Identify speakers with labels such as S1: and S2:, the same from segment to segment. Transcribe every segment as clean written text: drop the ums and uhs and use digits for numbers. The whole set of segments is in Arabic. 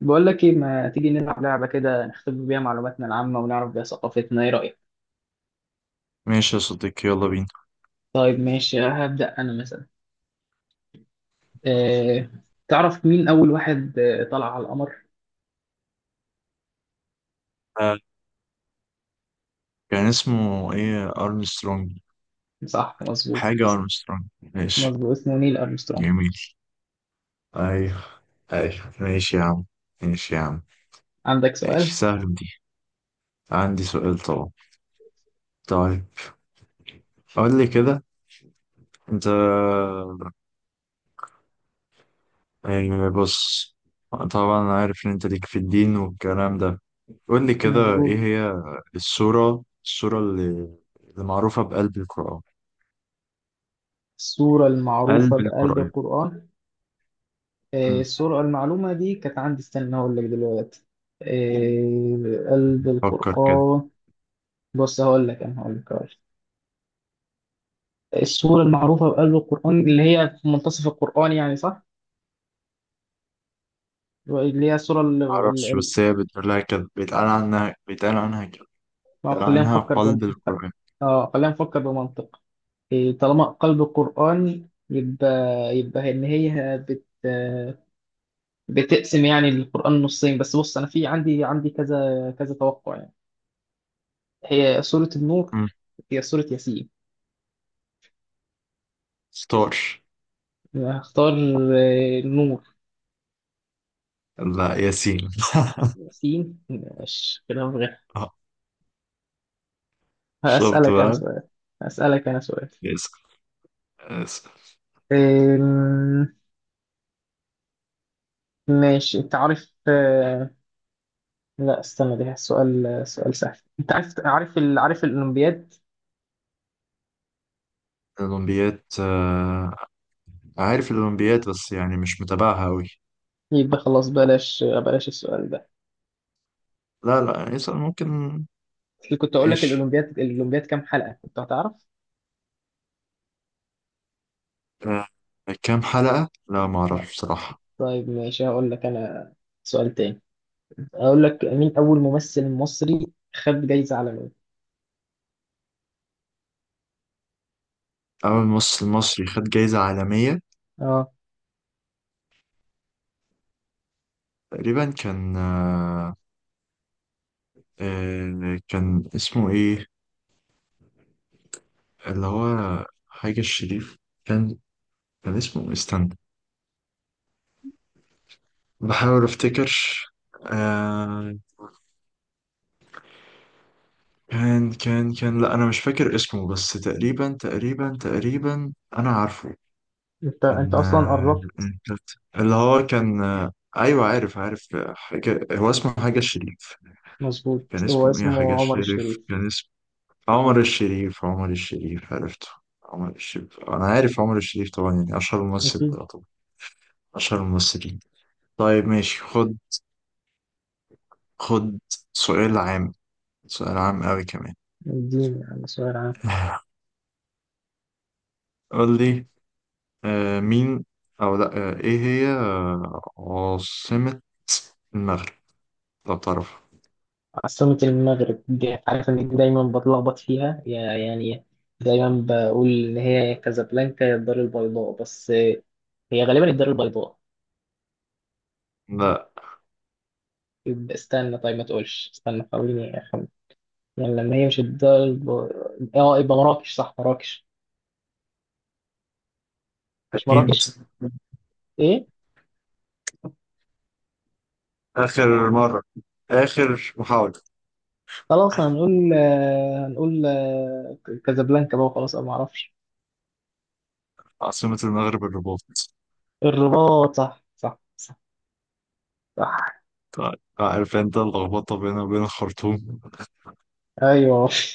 S1: بقول لك ايه ما تيجي نلعب لعبة كده نختبر بيها معلوماتنا العامة ونعرف بيها ثقافتنا ايه رأيك؟
S2: ماشي يا صديقي، يلا بينا.
S1: طيب ماشي هبدأ انا مثلا. أه... تعرف مين اول واحد طلع على القمر؟
S2: آه، كان اسمه ايه؟ ارمسترونج.
S1: صح مظبوط.
S2: حاجة ارمسترونج، ماشي
S1: مظبوط اسمه نيل أرمسترونج.
S2: جميل. ايوه، ايوه ماشي يا عم. ماشي يا عم.
S1: عندك
S2: ماشي
S1: سؤال؟
S2: سهل دي. عندي سؤال طبعا. طيب قول لي كده. انت، يعني بص، طبعا انا عارف ان انت ليك في الدين والكلام ده. قول لي كده،
S1: مظبوط.
S2: ايه هي السورة اللي معروفة بقلب القرآن؟
S1: السورة المعروفة
S2: قلب
S1: بقلب
S2: القرآن.
S1: القرآن.
S2: مم.
S1: السورة المعلومة دي كانت عندي استنى هقول لك دلوقتي. قلب
S2: فكر كده.
S1: القرآن. بص هقول لك انا هقول لك هقول لك. السورة المعروفة بقلب القرآن اللي هي في منتصف القرآن يعني صح؟ اللي هي الصورة
S2: معرفش، بس هي بتقول لها كده، بيتقال عنها كده.
S1: ما هو
S2: بيتقال
S1: خلينا
S2: عنها
S1: نفكر بم...
S2: قلب القرآن.
S1: اه خلينا نفكر بمنطق. إيه، طالما قلب القرآن يبقى إن هي بتقسم يعني القرآن نصين. بس بص أنا في عندي كذا كذا توقع يعني. هي سورة النور،
S2: مم.
S1: هي سورة ياسين.
S2: ستار.
S1: هختار النور.
S2: لا ياسين.
S1: ياسين مش كلام غير.
S2: آه، شفت
S1: هسألك أنا
S2: بقى.
S1: سؤال هسألك أنا سؤال.
S2: ياسين. ياسين.
S1: آم، ماشي أنت عارف. لا استنى ده سؤال سهل. انت عارف الاولمبياد.
S2: الأولمبياد، عارف الأولمبياد بس يعني مش متابعها أوي.
S1: يبقى خلاص بلاش بلاش السؤال ده.
S2: لا لا، يسأل ممكن.
S1: اللي كنت اقول لك
S2: ماشي.
S1: الاولمبياد الاولمبياد كام حلقة كنت هتعرف.
S2: آه، كام حلقة؟ لا ما
S1: لا.
S2: أعرفش بصراحة.
S1: طيب ماشي هقول لك انا سؤال تاني. اقول لك مين اول ممثل مصري خد جايزة عالمية.
S2: أول مصر المصري خد جايزة عالمية؟
S1: اه،
S2: تقريبا كان، كان اسمه إيه؟ اللي هو حاجة الشريف. كان، كان اسمه إيه؟ استنى بحاول افتكر. آه، كان لا انا مش فاكر اسمه، بس تقريبا انا عارفه.
S1: انت
S2: كان
S1: اصلا
S2: آه،
S1: قربت.
S2: اللي هو كان، آه ايوه عارف آه، حاجه هو اسمه حاجه الشريف.
S1: مظبوط
S2: كان
S1: هو
S2: اسمه ايه؟ حاجه
S1: اسمه عمر
S2: الشريف.
S1: الشريف.
S2: كان اسمه عمر الشريف. عمر الشريف، عرفته. عمر الشريف، انا عارف عمر الشريف طبعا، يعني اشهر ممثل
S1: اكيد
S2: طبعا. اشهر الممثلين. طيب ماشي، خد. خد سؤال عام. سؤال عام قوي كمان.
S1: اديني يعني سؤال عام.
S2: قول لي، آه مين، او لا آه ايه هي، آه عاصمة المغرب لو تعرف؟
S1: عاصمة المغرب دي عارف إن دي دايما بتلخبط فيها يعني. دايما بقول إن هي يا كازابلانكا يا الدار البيضاء، بس هي غالبا الدار البيضاء.
S2: لا،
S1: يبقى استنى، طيب ما تقولش استنى حاوليني أخمن. يعني لما هي مش الدار اه يبقى مراكش. صح، مراكش. مش
S2: أكيد.
S1: مراكش؟ ايه.
S2: آخر مرة. آخر محاولة.
S1: خلاص هنقول هنقول كازابلانكا بقى. خلاص انا ما اعرفش.
S2: عاصمة المغرب الرباط.
S1: الرباط، صح صح صح، صح.
S2: طيب عارف انت اللخبطة بينها وبين الخرطوم.
S1: ايوه.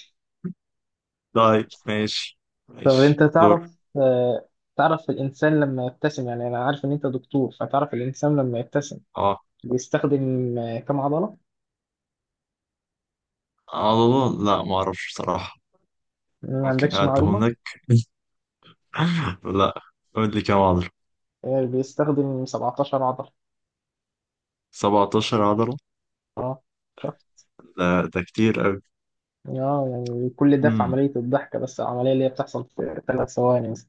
S2: طيب ماشي.
S1: طب
S2: ماشي
S1: انت
S2: دور.
S1: تعرف تعرف الانسان لما يبتسم، يعني انا عارف ان انت دكتور، فتعرف الانسان لما يبتسم
S2: اه.
S1: بيستخدم كم عضلة؟
S2: عضلة؟ لا ما اعرفش بصراحة.
S1: ما
S2: ممكن
S1: عندكش
S2: اعدهم
S1: معلومة.
S2: لك. لا، قول لي كام عضلة.
S1: بيستخدم 17 عضلة.
S2: 17 عضلة؟
S1: اه، شفت.
S2: لا ده كتير
S1: اه يعني كل ده في
S2: قوي.
S1: عملية الضحكة، بس العملية اللي هي بتحصل في ثلاث ثواني مثلا.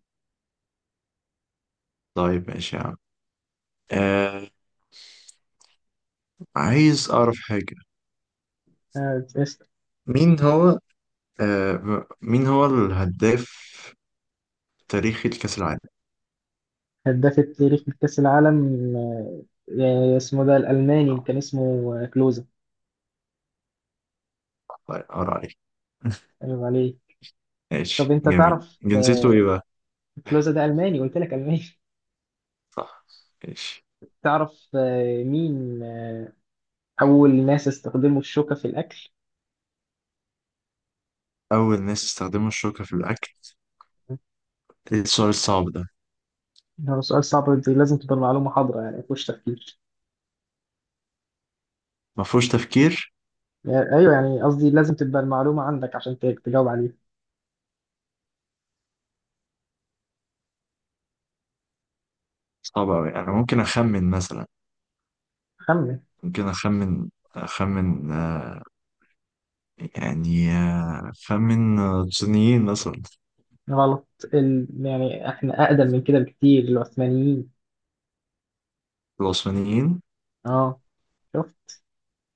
S2: طيب ماشي يا عم. آه، عايز أعرف حاجة.
S1: آه، اسم-
S2: مين هو، آه مين هو الهداف تاريخي لكأس العالم؟
S1: هداف التاريخ لكأس العالم آه، اسمه ده الألماني. كان اسمه كلوزا.
S2: طيب أقرأ عليك.
S1: أيوة عليه. طب
S2: ماشي
S1: أنت
S2: جميل،
S1: تعرف
S2: جنسيته إيه بقى؟
S1: كلوزا ده ألماني، قلت لك ألماني.
S2: صح. ماشي.
S1: تعرف مين أول ناس استخدموا الشوكة في الأكل؟
S2: أول ناس استخدموا الشوكة في الأكل؟ إيه السؤال الصعب ده؟
S1: ده سؤال صعب. دي لازم تبقى المعلومة حاضرة، يعني مفيهوش تفكير.
S2: ما فيهوش تفكير.
S1: يعني أيوه، يعني قصدي لازم تبقى المعلومة عندك عشان تجاوب عليها.
S2: صعب أوي، أنا ممكن أخمن مثلا.
S1: خمن.
S2: ممكن أخمن آه، يعني أخمن آه، صينيين مثلا.
S1: غلط. يعني إحنا أقدم من كده بكتير. العثمانيين.
S2: العثمانيين؟
S1: أه، شفت.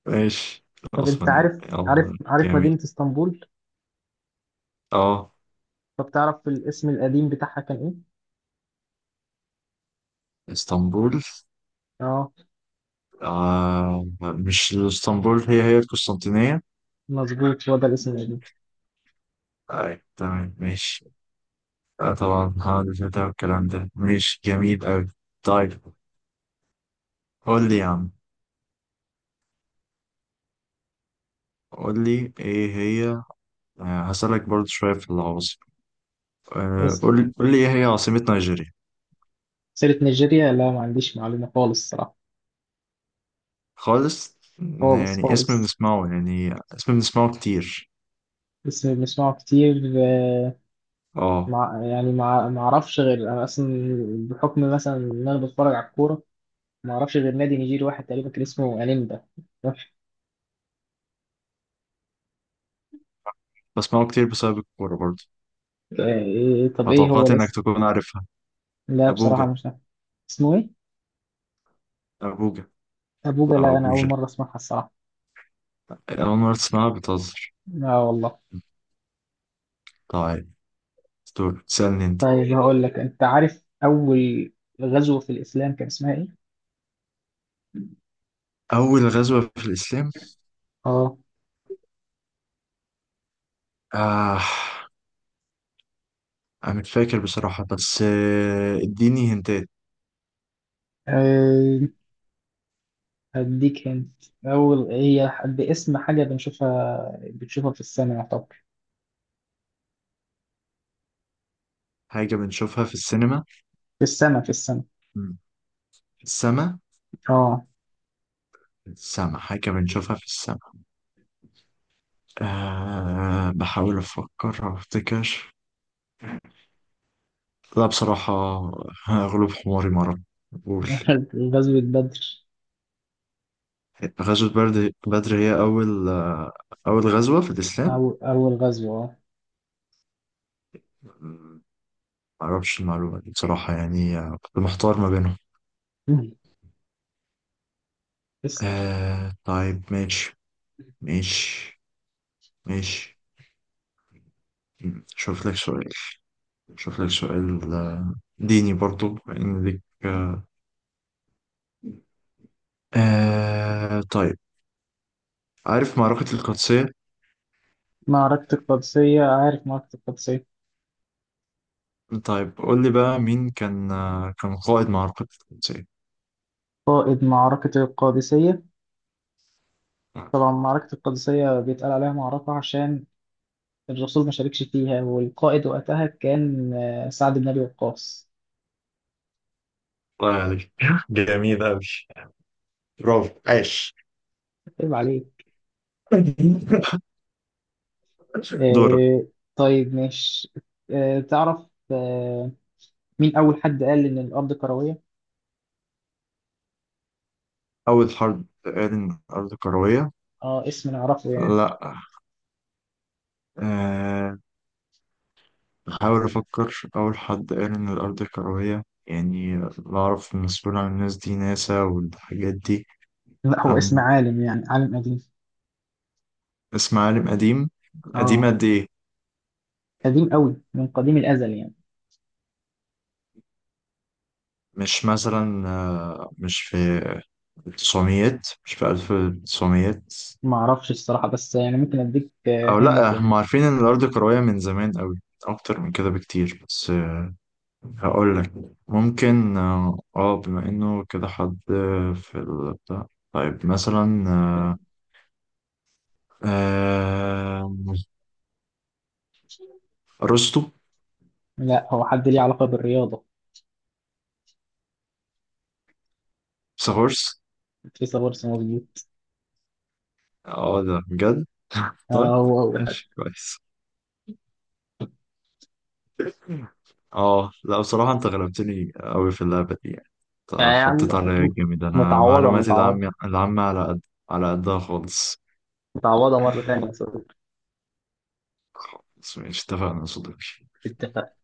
S2: ماشي،
S1: طب أنت
S2: العثمانيين
S1: عارف عارف
S2: يلا.
S1: عارف مدينة
S2: جميل.
S1: اسطنبول؟
S2: اه.
S1: طب تعرف الاسم القديم بتاعها كان إيه؟
S2: اسطنبول.
S1: أه،
S2: آه مش اسطنبول، هي القسطنطينية.
S1: مظبوط، هو ده الاسم القديم.
S2: طيب تمام ماشي. آه طبعا هذا ده والكلام ده، ماشي جميل أوي. طيب قول لي يا عم. قول لي ايه هي، آه هسألك برضو شوية في العواصم. آه،
S1: اسم
S2: قول لي ايه هي عاصمة نيجيريا؟
S1: سيرة نيجيريا؟ لا ما عنديش معلومة خالص الصراحة.
S2: خالص؟
S1: خالص
S2: يعني اسم
S1: خالص.
S2: بنسمعه، يعني اسم بنسمعه كتير.
S1: بس بسمعه كتير
S2: اه.
S1: مع ما اعرفش غير انا اصلا بحكم مثلا ان انا بتفرج على الكوره. ما اعرفش غير نادي نيجيري واحد تقريبا كان اسمه انيمبا. آه،
S2: بسمعه كتير بسبب الكورة برضو،
S1: إيه، طب ايه هو
S2: فتوقعت انك
S1: الاسم؟
S2: تكون عارفها.
S1: لا بصراحه
S2: ابوجا.
S1: مش عارف. اسمه ايه؟
S2: ابوجا.
S1: ابوجا؟
S2: او
S1: لا انا اول
S2: ابوجا،
S1: مره اسمعها الصراحه.
S2: اول مرة تسمعها؟
S1: لا والله.
S2: طيب، دور تسألني انت.
S1: طيب هقول لك، انت عارف اول غزوه في الاسلام كان اسمها ايه؟
S2: أول غزوة في الإسلام؟
S1: اه.
S2: آه أنا مش فاكر بصراحة بس آه، اديني هنتات.
S1: آه، هديك هنت. اول هي باسم حاجه بنشوفها بنشوفها في السماء يعتبر.
S2: حاجة بنشوفها في السينما؟
S1: في السماء في السماء.
S2: مم. السما.
S1: اه.
S2: السما، حاجة بنشوفها في السما. آه بحاول أفكر أو أفتكر. لا بصراحة، غلوب حماري مرة. قول.
S1: غزوة بدر.
S2: غزوة بدر هي أول آه، أول غزوة في الإسلام.
S1: أو أول غزوة
S2: مم، معرفش المعلومة دي بصراحة، يعني آه، كنت محتار ما بينهم.
S1: مم. اسأل.
S2: آه طيب ماشي. ماشي. ماشي. شوف لك سؤال. شوف لك سؤال آه، ديني برضو لأن ليك. آه طيب، عارف معركة القادسية؟
S1: معركة القادسية. عارف معركة القادسية.
S2: طيب قول لي بقى، مين كان آه، كان قائد معركة القادسية؟
S1: قائد معركة القادسية؟ طبعا معركة القادسية بيتقال عليها معركة عشان الرسول ما شاركش فيها، والقائد وقتها كان سعد بن أبي وقاص.
S2: الله عليك، جميل أوي. برافو، عاش.
S1: عيب عليك.
S2: دورك.
S1: آه، طيب مش تعرف آه، مين أول حد قال إن الأرض كروية؟
S2: أول حرب تقال إن الأرض كروية؟
S1: اه، اسم نعرفه يعني.
S2: لا. آه، بحاول أفكر. أول حد قال إن الأرض كروية، يعني بعرف مسؤول عن الناس دي ناسا والحاجات دي.
S1: لا هو اسم
S2: أم.
S1: عالم، يعني عالم قديم.
S2: اسم عالم قديم؟ قديم
S1: اه
S2: قد إيه؟
S1: قديم قوي، من قديم الأزل يعني.
S2: مش مثلا آه، مش في التسعميات، مش في ألف التسعميات؟
S1: ما اعرفش الصراحة، بس يعني ممكن اديك
S2: أو
S1: هنت
S2: لأ، هم
S1: يعني.
S2: عارفين إن الأرض كروية من زمان أوي، أكتر من كده بكتير. بس آه، هقول لك، ممكن آه بما إنه كده حد في البتاع. طيب مثلا، آه، آه، ارسطو.
S1: لا هو حد ليه علاقة بالرياضة.
S2: سهورس.
S1: في صبرس، مظبوط.
S2: اه ده بجد؟ طيب،
S1: هو أول حاجة.
S2: ماشي كويس. اه لا بصراحة انت غلبتني قوي في اللعبة دي يعني. انت
S1: يعني
S2: حطيت عليا جامد، انا
S1: متعوضة
S2: معلوماتي
S1: متعوضة،
S2: العامة على قد، على قدها خالص.
S1: متعوضة مرة تانية يا صديقي.
S2: بس ماشي، اتفقنا يا صديقي.
S1: اتفقنا.